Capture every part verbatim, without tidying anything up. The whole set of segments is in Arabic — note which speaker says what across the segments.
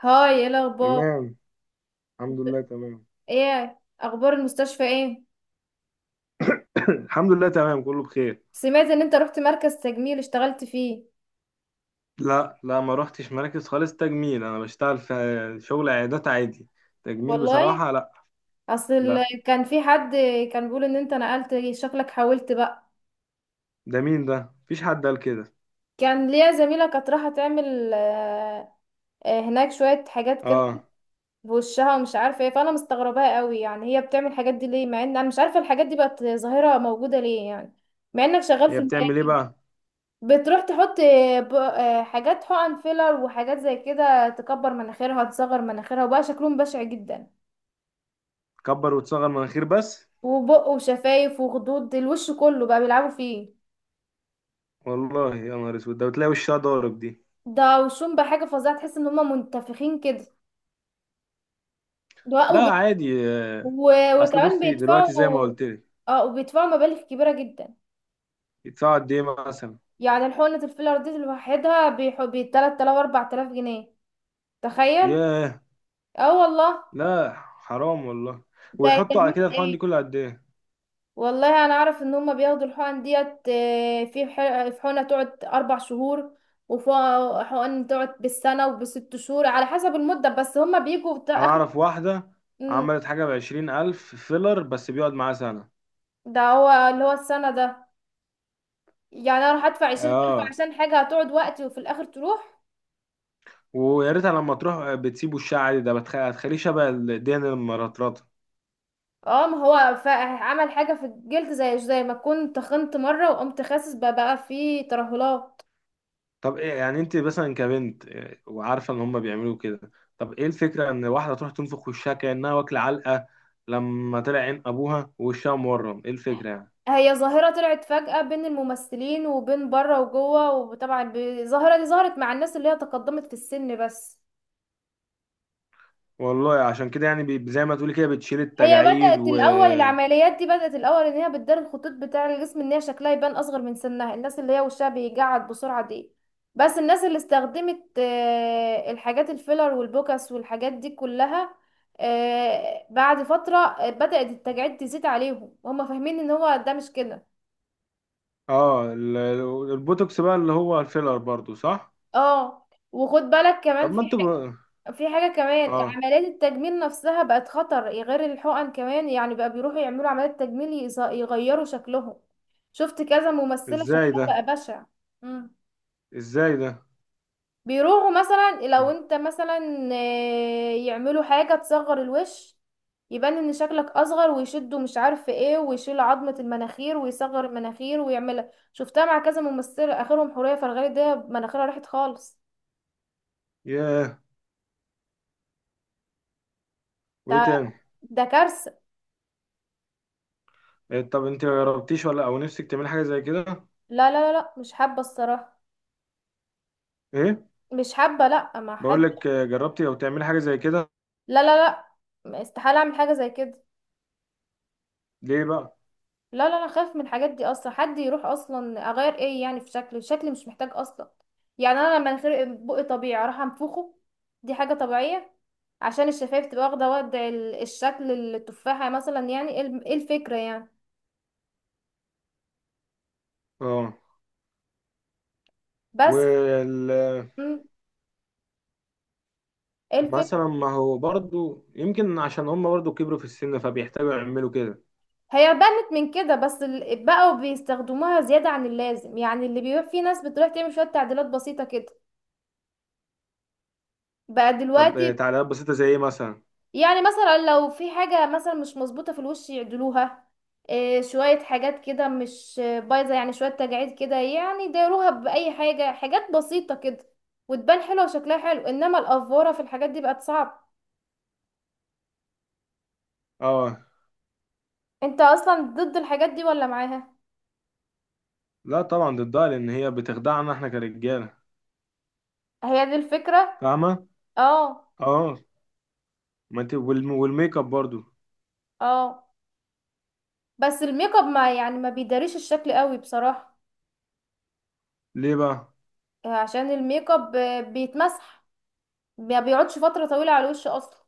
Speaker 1: هاي، ايه الاخبار؟
Speaker 2: تمام. الحمد لله تمام.
Speaker 1: ايه اخبار المستشفى؟ ايه،
Speaker 2: الحمد لله تمام، كله بخير.
Speaker 1: سمعت ان انت رحت مركز تجميل اشتغلت فيه؟
Speaker 2: لا لا، ما روحتش مراكز خالص تجميل، انا بشتغل في شغل عيادات عادي. تجميل
Speaker 1: والله
Speaker 2: بصراحة لا.
Speaker 1: اصل
Speaker 2: لا،
Speaker 1: ال- كان في حد كان بيقول ان انت نقلت شكلك، حاولت بقى.
Speaker 2: ده مين ده؟ مفيش حد قال كده.
Speaker 1: كان ليا زميلة كانت رايحة تعمل آه، آه، هناك شوية حاجات كده في
Speaker 2: اه.
Speaker 1: وشها ومش عارفة ايه، فانا مستغرباها قوي. يعني هي بتعمل الحاجات دي ليه مع ان انا مش عارفة الحاجات دي بقت ظاهرة موجودة ليه يعني، مع انك شغال في
Speaker 2: هي بتعمل ايه
Speaker 1: المجال.
Speaker 2: بقى؟
Speaker 1: بتروح تحط ب- آه، حاجات حقن فيلر وحاجات زي كده، تكبر مناخيرها، تصغر مناخيرها، وبقى شكلهم بشع جدا.
Speaker 2: كبر وتصغر مناخير بس؟
Speaker 1: وبق، وشفايف، وخدود، الوش كله بقى بيلعبوا فيه.
Speaker 2: والله يا نهار اسود، ده وتلاقي وشها ضارب دي.
Speaker 1: ده وشهم بقى حاجة فظيعة، تحس ان هما منتفخين كده. ده
Speaker 2: لا
Speaker 1: وبت...
Speaker 2: عادي آه.
Speaker 1: و...
Speaker 2: اصل
Speaker 1: وكمان
Speaker 2: بصي دلوقتي زي ما
Speaker 1: بيدفعوا.
Speaker 2: قلت لك.
Speaker 1: اه، وبيدفعوا مبالغ كبيرة جدا.
Speaker 2: يدفعوا قد ايه مثلا؟
Speaker 1: يعني الحقنة الفيلر دي لوحدها بيح... بي تلت تلاف اربعة الاف جنيه، تخيل.
Speaker 2: ياه.
Speaker 1: اه والله.
Speaker 2: لا حرام والله.
Speaker 1: ده
Speaker 2: ويحطوا على
Speaker 1: تجميل
Speaker 2: كده الحقن دي
Speaker 1: ايه!
Speaker 2: كل قد ايه؟
Speaker 1: والله انا اعرف ان هما بياخدوا الحقن ديت، آه، في ح- في حقنه تقعد اربع شهور، وفي حقن تقعد بالسنه وبست شهور على حسب المده، بس هما بيجوا بتاع
Speaker 2: انا
Speaker 1: اخر.
Speaker 2: اعرف واحدة
Speaker 1: مم،
Speaker 2: عملت حاجة بعشرين الف فيلر بس بيقعد معاها سنة.
Speaker 1: ده هو اللي هو السنه ده. يعني انا اروح ادفع عشرين ألف
Speaker 2: اه.
Speaker 1: عشان حاجه هتقعد وقتي وفي الاخر تروح.
Speaker 2: ويا ريتها لما تروح بتسيبه الشعر عادي، ده بتخ... هتخليه شبه الدين المرطرطة.
Speaker 1: اه، ما هو ف- عمل حاجه في الجلد، زي زي ما كنت تخنت مره وقمت خاسس بقى، بقى فيه ترهلات.
Speaker 2: طب إيه يعني، انت مثلا كبنت إيه، وعارفة ان هما بيعملوا كده؟ طب ايه الفكرة ان واحدة تروح تنفخ وشها كأنها واكلة علقة؟ لما طلع عين ابوها ووشها مورم، ايه الفكرة يعني؟
Speaker 1: هي ظاهرة طلعت فجأة بين الممثلين وبين بره وجوه. وطبعا الظاهرة دي ظهرت مع الناس اللي هي تقدمت في السن بس.
Speaker 2: والله عشان كده يعني بي... زي ما تقولي كده بتشيل
Speaker 1: هي
Speaker 2: التجاعيد
Speaker 1: بدأت
Speaker 2: و،
Speaker 1: الأول، العمليات دي بدأت الأول إن هي بتدار الخطوط بتاع الجسم، إن هي شكلها يبان أصغر من سنها، الناس اللي هي وشها بيجعد بسرعة دي. بس الناس اللي استخدمت آه، الحاجات الفيلر والبوكس والحاجات دي كلها، آه، بعد فترة آه، بدأت التجاعيد تزيد عليهم وهم فاهمين إن هو ده مش كده.
Speaker 2: اه. ال- البوتوكس بقى اللي هو الفيلر برضو صح؟
Speaker 1: اه. وخد بالك
Speaker 2: طب
Speaker 1: كمان، في
Speaker 2: ما انتوا بقى-
Speaker 1: في حاجة كمان،
Speaker 2: اه.
Speaker 1: عمليات التجميل نفسها بقت خطر غير الحقن كمان. يعني بقى بيروحوا يعملوا عمليات تجميل، يز- يغيروا شكلهم. شفت كذا ممثلة
Speaker 2: ازاي
Speaker 1: شكلها
Speaker 2: ده؟
Speaker 1: بقى بشع. مم.
Speaker 2: ازاي ده؟
Speaker 1: بيروحوا مثلا، لو انت مثلا، آه، يعملوا حاجة تصغر الوش، يبان ان شكلك اصغر، ويشدوا مش عارف ايه، ويشيل عظمة المناخير ويصغر المناخير ويعملها. شفتها مع كذا ممثلة، اخرهم حورية فرغلي، ده مناخيرها راحت خالص.
Speaker 2: ياه. وايه
Speaker 1: ده
Speaker 2: تاني؟
Speaker 1: ده كارثة.
Speaker 2: إيه، طب انت ما جربتيش ولا او نفسك تعملي حاجه زي كده؟
Speaker 1: لا لا لا لا، مش حابة الصراحة.
Speaker 2: ايه؟
Speaker 1: مش حابة، لا ما
Speaker 2: بقول
Speaker 1: احب.
Speaker 2: لك آه، جربتي او تعملي حاجه زي كده؟
Speaker 1: لا لا، لا استحالة اعمل حاجة زي كده.
Speaker 2: ليه بقى؟
Speaker 1: لا لا، انا خايف من الحاجات دي اصلا. حد يروح اصلا اغير ايه يعني في شكله؟ شكلي مش محتاج اصلا. يعني انا لما مناخير بقي طبيعي اروح انفخه؟ دي حاجة طبيعية. عشان الشفايف تبقى واخدة وضع ال- الشكل التفاحة مثلا، يعني ايه الم- إيه الفكرة يعني؟
Speaker 2: اه.
Speaker 1: بس.
Speaker 2: وال
Speaker 1: مم، ايه
Speaker 2: مثلا
Speaker 1: الفكرة؟
Speaker 2: ما هو برضو يمكن عشان هم برضو كبروا في السن فبيحتاجوا يعملوا كده.
Speaker 1: هي بنت من كده، بس ال- بقوا بيستخدموها زيادة عن اللازم، يعني اللي بيبقى في ناس بتروح تعمل شوية تعديلات بسيطة كده. بقى
Speaker 2: طب آه،
Speaker 1: دلوقتي،
Speaker 2: تعليقات بسيطه زي ايه مثلا؟
Speaker 1: يعني مثلا لو في حاجة مثلا مش مظبوطة في الوش يعدلوها. إيه، شوية حاجات كده مش بايظة، يعني شوية تجاعيد كده يعني يداروها بأي حاجة، حاجات بسيطة كده، وتبان حلوة وشكلها حلو. انما الأفورة في الحاجات دي بقت صعب.
Speaker 2: اه.
Speaker 1: انت اصلا ضد الحاجات دي ولا معاها؟
Speaker 2: لا طبعا ضدها، لان هي بتخدعنا احنا كرجاله.
Speaker 1: هي دي الفكرة.
Speaker 2: فاهمه.
Speaker 1: اه.
Speaker 2: اه. ما انت والم- والميك اب برضو.
Speaker 1: اه، بس الميك اب ما يعني ما بيداريش الشكل قوي بصراحة.
Speaker 2: ليه بقى؟
Speaker 1: عشان الميك اب آه، بيتمسح، ما بيقعدش فترة طويلة على الوش اصلا،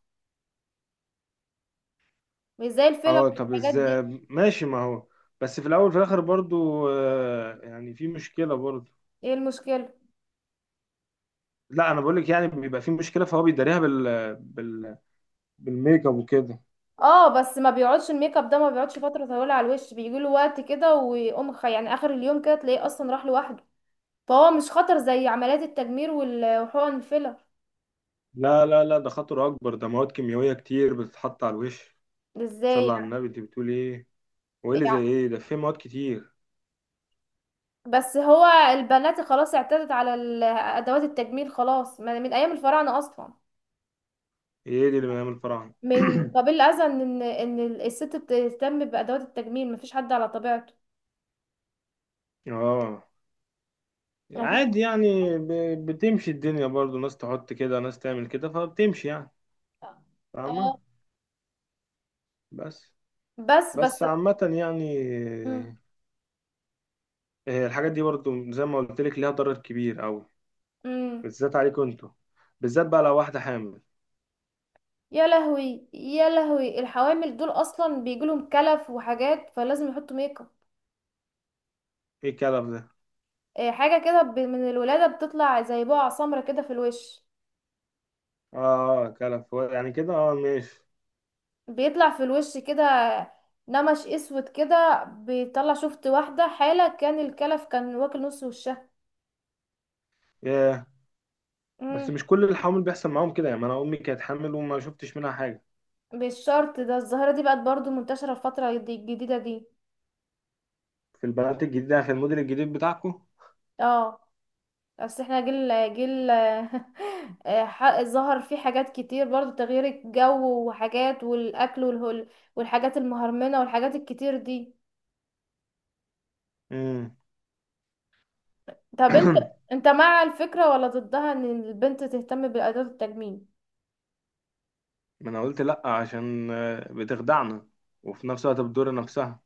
Speaker 1: مش زي الفيلر
Speaker 2: اه. طب
Speaker 1: والحاجات
Speaker 2: ازاي؟
Speaker 1: دي.
Speaker 2: ماشي، ما هو بس في الاول وفي الاخر برضو آه، يعني في مشكله برضو.
Speaker 1: ايه المشكلة؟
Speaker 2: لا انا بقول لك يعني بيبقى في مشكله، فهو بيداريها بال بال بالميك اب وكده.
Speaker 1: اه، بس ما بيقعدش الميك اب ده، ما بيقعدش فتره طويله على الوش، بيجي له وقت كده ويقوم خ- يعني اخر اليوم كده تلاقيه اصلا راح لوحده. فهو مش خطر زي عمليات التجميل وال- وحقن الفيلر.
Speaker 2: لا لا لا، ده خطر اكبر، ده مواد كيميائيه كتير بتتحط على الوش.
Speaker 1: ازاي
Speaker 2: صلى على
Speaker 1: يعني؟
Speaker 2: النبي، انت بتقول ايه؟ وايه اللي زي
Speaker 1: يعني-
Speaker 2: ايه ده؟ في مواد كتير.
Speaker 1: بس هو البنات خلاص اعتادت على ال- ادوات التجميل خلاص، ما- من ايام الفراعنه اصلا،
Speaker 2: ايه دي اللي بنعمل فراعنه؟
Speaker 1: من قبل الاذى، ان ان الست بتهتم بادوات التجميل، مفيش حد على طبيعته.
Speaker 2: اه.
Speaker 1: مفيش.
Speaker 2: عادي يعني، ب- بتمشي الدنيا برضو، ناس تحط كده ناس تعمل كده، فبتمشي يعني. فاهمه.
Speaker 1: اه.
Speaker 2: بس.
Speaker 1: بس بس
Speaker 2: بس عامه يعني،
Speaker 1: مم.
Speaker 2: آه، الحاجات دي برضو زي ما قلت لك ليها ضرر كبير قوي.
Speaker 1: مم.
Speaker 2: بالذات عليكم انتوا، بالذات بقى لو واحده حامل.
Speaker 1: يا لهوي يا لهوي، الحوامل دول اصلا بيجيلهم كلف وحاجات، فلازم يحطوا ميك اب.
Speaker 2: ايه الكلف ده؟
Speaker 1: إيه، حاجه كده ب- من الولاده بتطلع زي بقع سمرة كده في الوش،
Speaker 2: اه كلف، هو يعني كده، اه ماشي.
Speaker 1: بيطلع في الوش كده، نمش اسود كده بيطلع. شفت واحده حاله كان الكلف كان واكل نص وشها.
Speaker 2: ياه. بس
Speaker 1: امم.
Speaker 2: مش كل الحوامل بيحصل معاهم كده، يعني انا امي كانت حامل وما شفتش منها حاجه.
Speaker 1: بالشرط ده، الظاهره دي بقت برضو منتشره الفتره دي الجديده دي.
Speaker 2: في البنات الجديده، في الموديل الجديد بتاعكم.
Speaker 1: اه. اصل احنا جيل جيل آه، ح- ظهر فيه حاجات كتير برضو، تغيير الجو وحاجات، والاكل والهول والحاجات المهرمنة والحاجات الكتير دي.
Speaker 2: امم.
Speaker 1: طب انت انت مع الفكرة ولا ضدها، ان البنت تهتم بأداة التجميل؟
Speaker 2: ما انا قلت لا عشان آه، بتخدعنا، وفي نفس الوقت بتضر نفسها.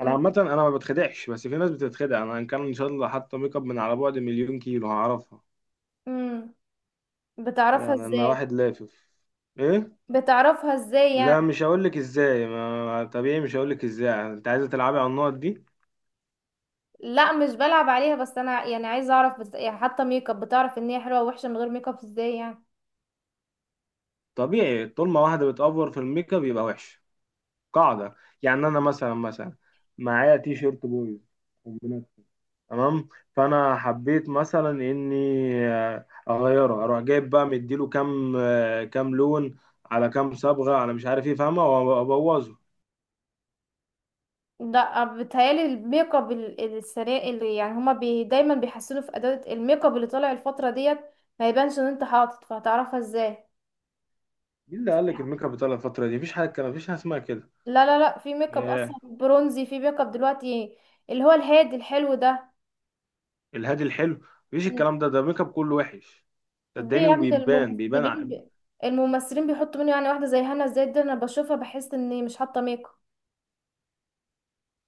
Speaker 2: انا عامه انا ما بتخدعش، بس في ناس بتتخدع. انا ان كان ان شاء الله حاطه ميك اب من على بعد مليون كيلو هعرفها.
Speaker 1: امم. بتعرفها
Speaker 2: يعني انا
Speaker 1: ازاي؟
Speaker 2: واحد لافف. ايه؟
Speaker 1: بتعرفها ازاي يعني؟
Speaker 2: لا مش هقول لك ازاي، ما طبيعي مش هقول لك ازاي، انت عايزه تلعبي على النقط دي.
Speaker 1: لا مش بلعب عليها، بس انا يعني عايزه اعرف بس، يعني حتى ميك اب بتعرف ان هي حلوه ووحشه من غير ميك اب ازاي يعني؟
Speaker 2: طبيعي، طول ما واحده بتأفور في الميك اب يبقى وحش. قاعده. يعني انا مثلا، مثلا معايا تي شيرت بويز، كومبينات، تمام. فانا حبيت مثلا اني آه، اغيره، اروح جايب بقى مديله كام آه، كام لون، على كام صبغه، على مش عارف ايه، فاهمه؟ وابوظه.
Speaker 1: لا بتهيالي الميك اب ال- السريع، اللي يعني هما بي دايما بيحسنوا في اداة الميك اب اللي طالع الفترة ديت، ما يبانش ان انت حاطط، فهتعرفها ازاي؟
Speaker 2: مين اللي قال لك الميك اب بتاع الفتره دي؟ مفيش حاجه، مفيش حاجه اسمها
Speaker 1: لا لا، لا في ميك اب
Speaker 2: كده
Speaker 1: اصلا برونزي، في ميك اب دلوقتي اللي هو الهادي الحلو ده.
Speaker 2: الهادي الحلو. مفيش
Speaker 1: م-
Speaker 2: الكلام ده، ده الميك اب كله وحش.
Speaker 1: ليه
Speaker 2: صدقني
Speaker 1: يا ابني؟
Speaker 2: وبيبان، بيبان ع-
Speaker 1: الممثلين ب... الممثلين بيحطوا منه، يعني واحدة زي هنا الزاهد دي انا بشوفها بحس اني مش حاطة ميك اب.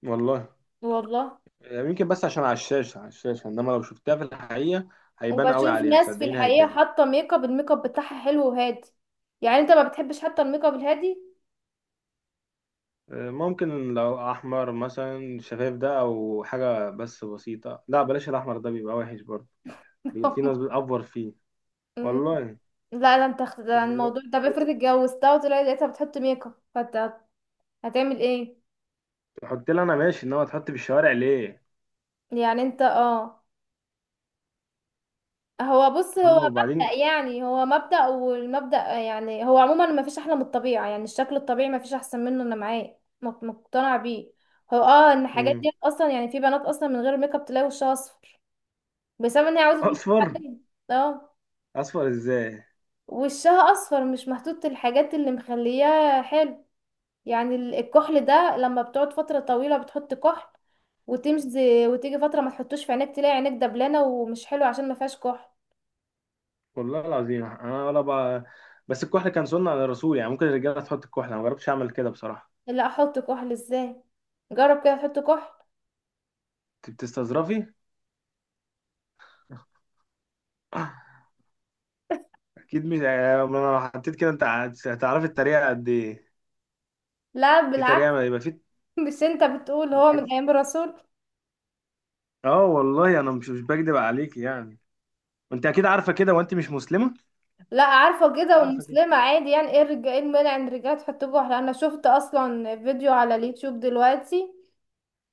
Speaker 2: والله.
Speaker 1: والله.
Speaker 2: يعني يمكن بس عشان على الشاشة، على الشاشة، انما لو شفتها في الحقيقة هيبان قوي
Speaker 1: وبشوف
Speaker 2: عليها
Speaker 1: ناس في
Speaker 2: صدقيني،
Speaker 1: الحقيقة
Speaker 2: هيبان.
Speaker 1: حاطة ميك اب، الميك اب بتاعها حلو وهادي. يعني انت ما بتحبش حتى الميك اب الهادي؟
Speaker 2: آه، ممكن لو احمر مثلا شفايف ده او حاجة بس بسيطة. لا بلاش الاحمر ده، بيبقى وحش برضه، بيبقى في ناس بتأفور فيه. والله.
Speaker 1: لا، ده انت اخت- ده
Speaker 2: و-
Speaker 1: الموضوع. طب
Speaker 2: و-
Speaker 1: افرض اتجوزتها وطلعت لقيتها بتحط ميك اب، فانت هت- هتعمل ايه؟
Speaker 2: تحط لي انا ماشي، انما تحط في الشوارع ليه؟
Speaker 1: يعني انت، اه. هو بص، هو
Speaker 2: اما
Speaker 1: مبدأ،
Speaker 2: وبعدين.
Speaker 1: يعني هو مبدأ والمبدأ، يعني هو عموما ما فيش احلى من الطبيعة، يعني الشكل الطبيعي ما فيش احسن منه، انا معاه مق- مقتنعة بيه. هو اه، ان الحاجات
Speaker 2: مم.
Speaker 1: دي اصلا يعني في بنات اصلا من غير ميك اب تلاقي وشها اصفر، بسبب ان هي عاوزة وشها
Speaker 2: اصفر؟
Speaker 1: حقيقي. اه.
Speaker 2: اصفر ازاي؟
Speaker 1: وشها اصفر، مش محطوط الحاجات اللي مخلياه حلو. يعني ال- الكحل ده لما بتقعد فترة طويلة بتحط كحل، وتمشي، وتيجي فترة ما تحطوش في عينيك تلاقي عينيك دبلانة ومش حلو عشان ما فيهاش كحل.
Speaker 2: والله العظيم انا ولا بقى. بس الكحل كان سنة على الرسول، يعني ممكن الرجالة تحط الكحل، انا ما جربتش اعمل كده بصراحة.
Speaker 1: لا احط كحل ازاي؟ جرب كده تحط كحل.
Speaker 2: انت بتستظرفي؟ اكيد مش يعني انا، لو حطيت كده انت هت- هتعرفي التريقة قد ايه.
Speaker 1: لا
Speaker 2: في
Speaker 1: بالعكس.
Speaker 2: تريقة يبقى، في.
Speaker 1: مش انت بتقول هو من
Speaker 2: بالعكس.
Speaker 1: ايام الرسول؟
Speaker 2: اه والله انا مش مش بكدب عليك يعني، انت اكيد عارفة كده وانت مش مسلمة.
Speaker 1: لا عارفة
Speaker 2: أكيد
Speaker 1: كده،
Speaker 2: عارفة كده.
Speaker 1: ومسلمة عادي يعني. ايه الرجال؟ ايه المانع ان الرجالة تحط كحل؟ انا شفت اصلا فيديو على اليوتيوب دلوقتي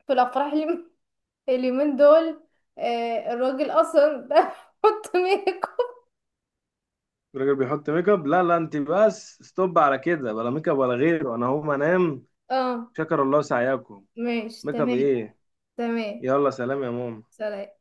Speaker 1: في الافراح اليوم- اليومين دول آه الراجل اصلا ده بيحط ميك اب.
Speaker 2: الراجل بيحط ميك اب؟ لا لا، انت بس ستوب على كده، بلا ميك اب ولا غيره، انا هقوم انام.
Speaker 1: اه
Speaker 2: شكر الله سعيكم.
Speaker 1: ماشي،
Speaker 2: ميك اب
Speaker 1: تمام.
Speaker 2: ايه؟
Speaker 1: تمام.
Speaker 2: يلا سلام يا ماما.
Speaker 1: سلام.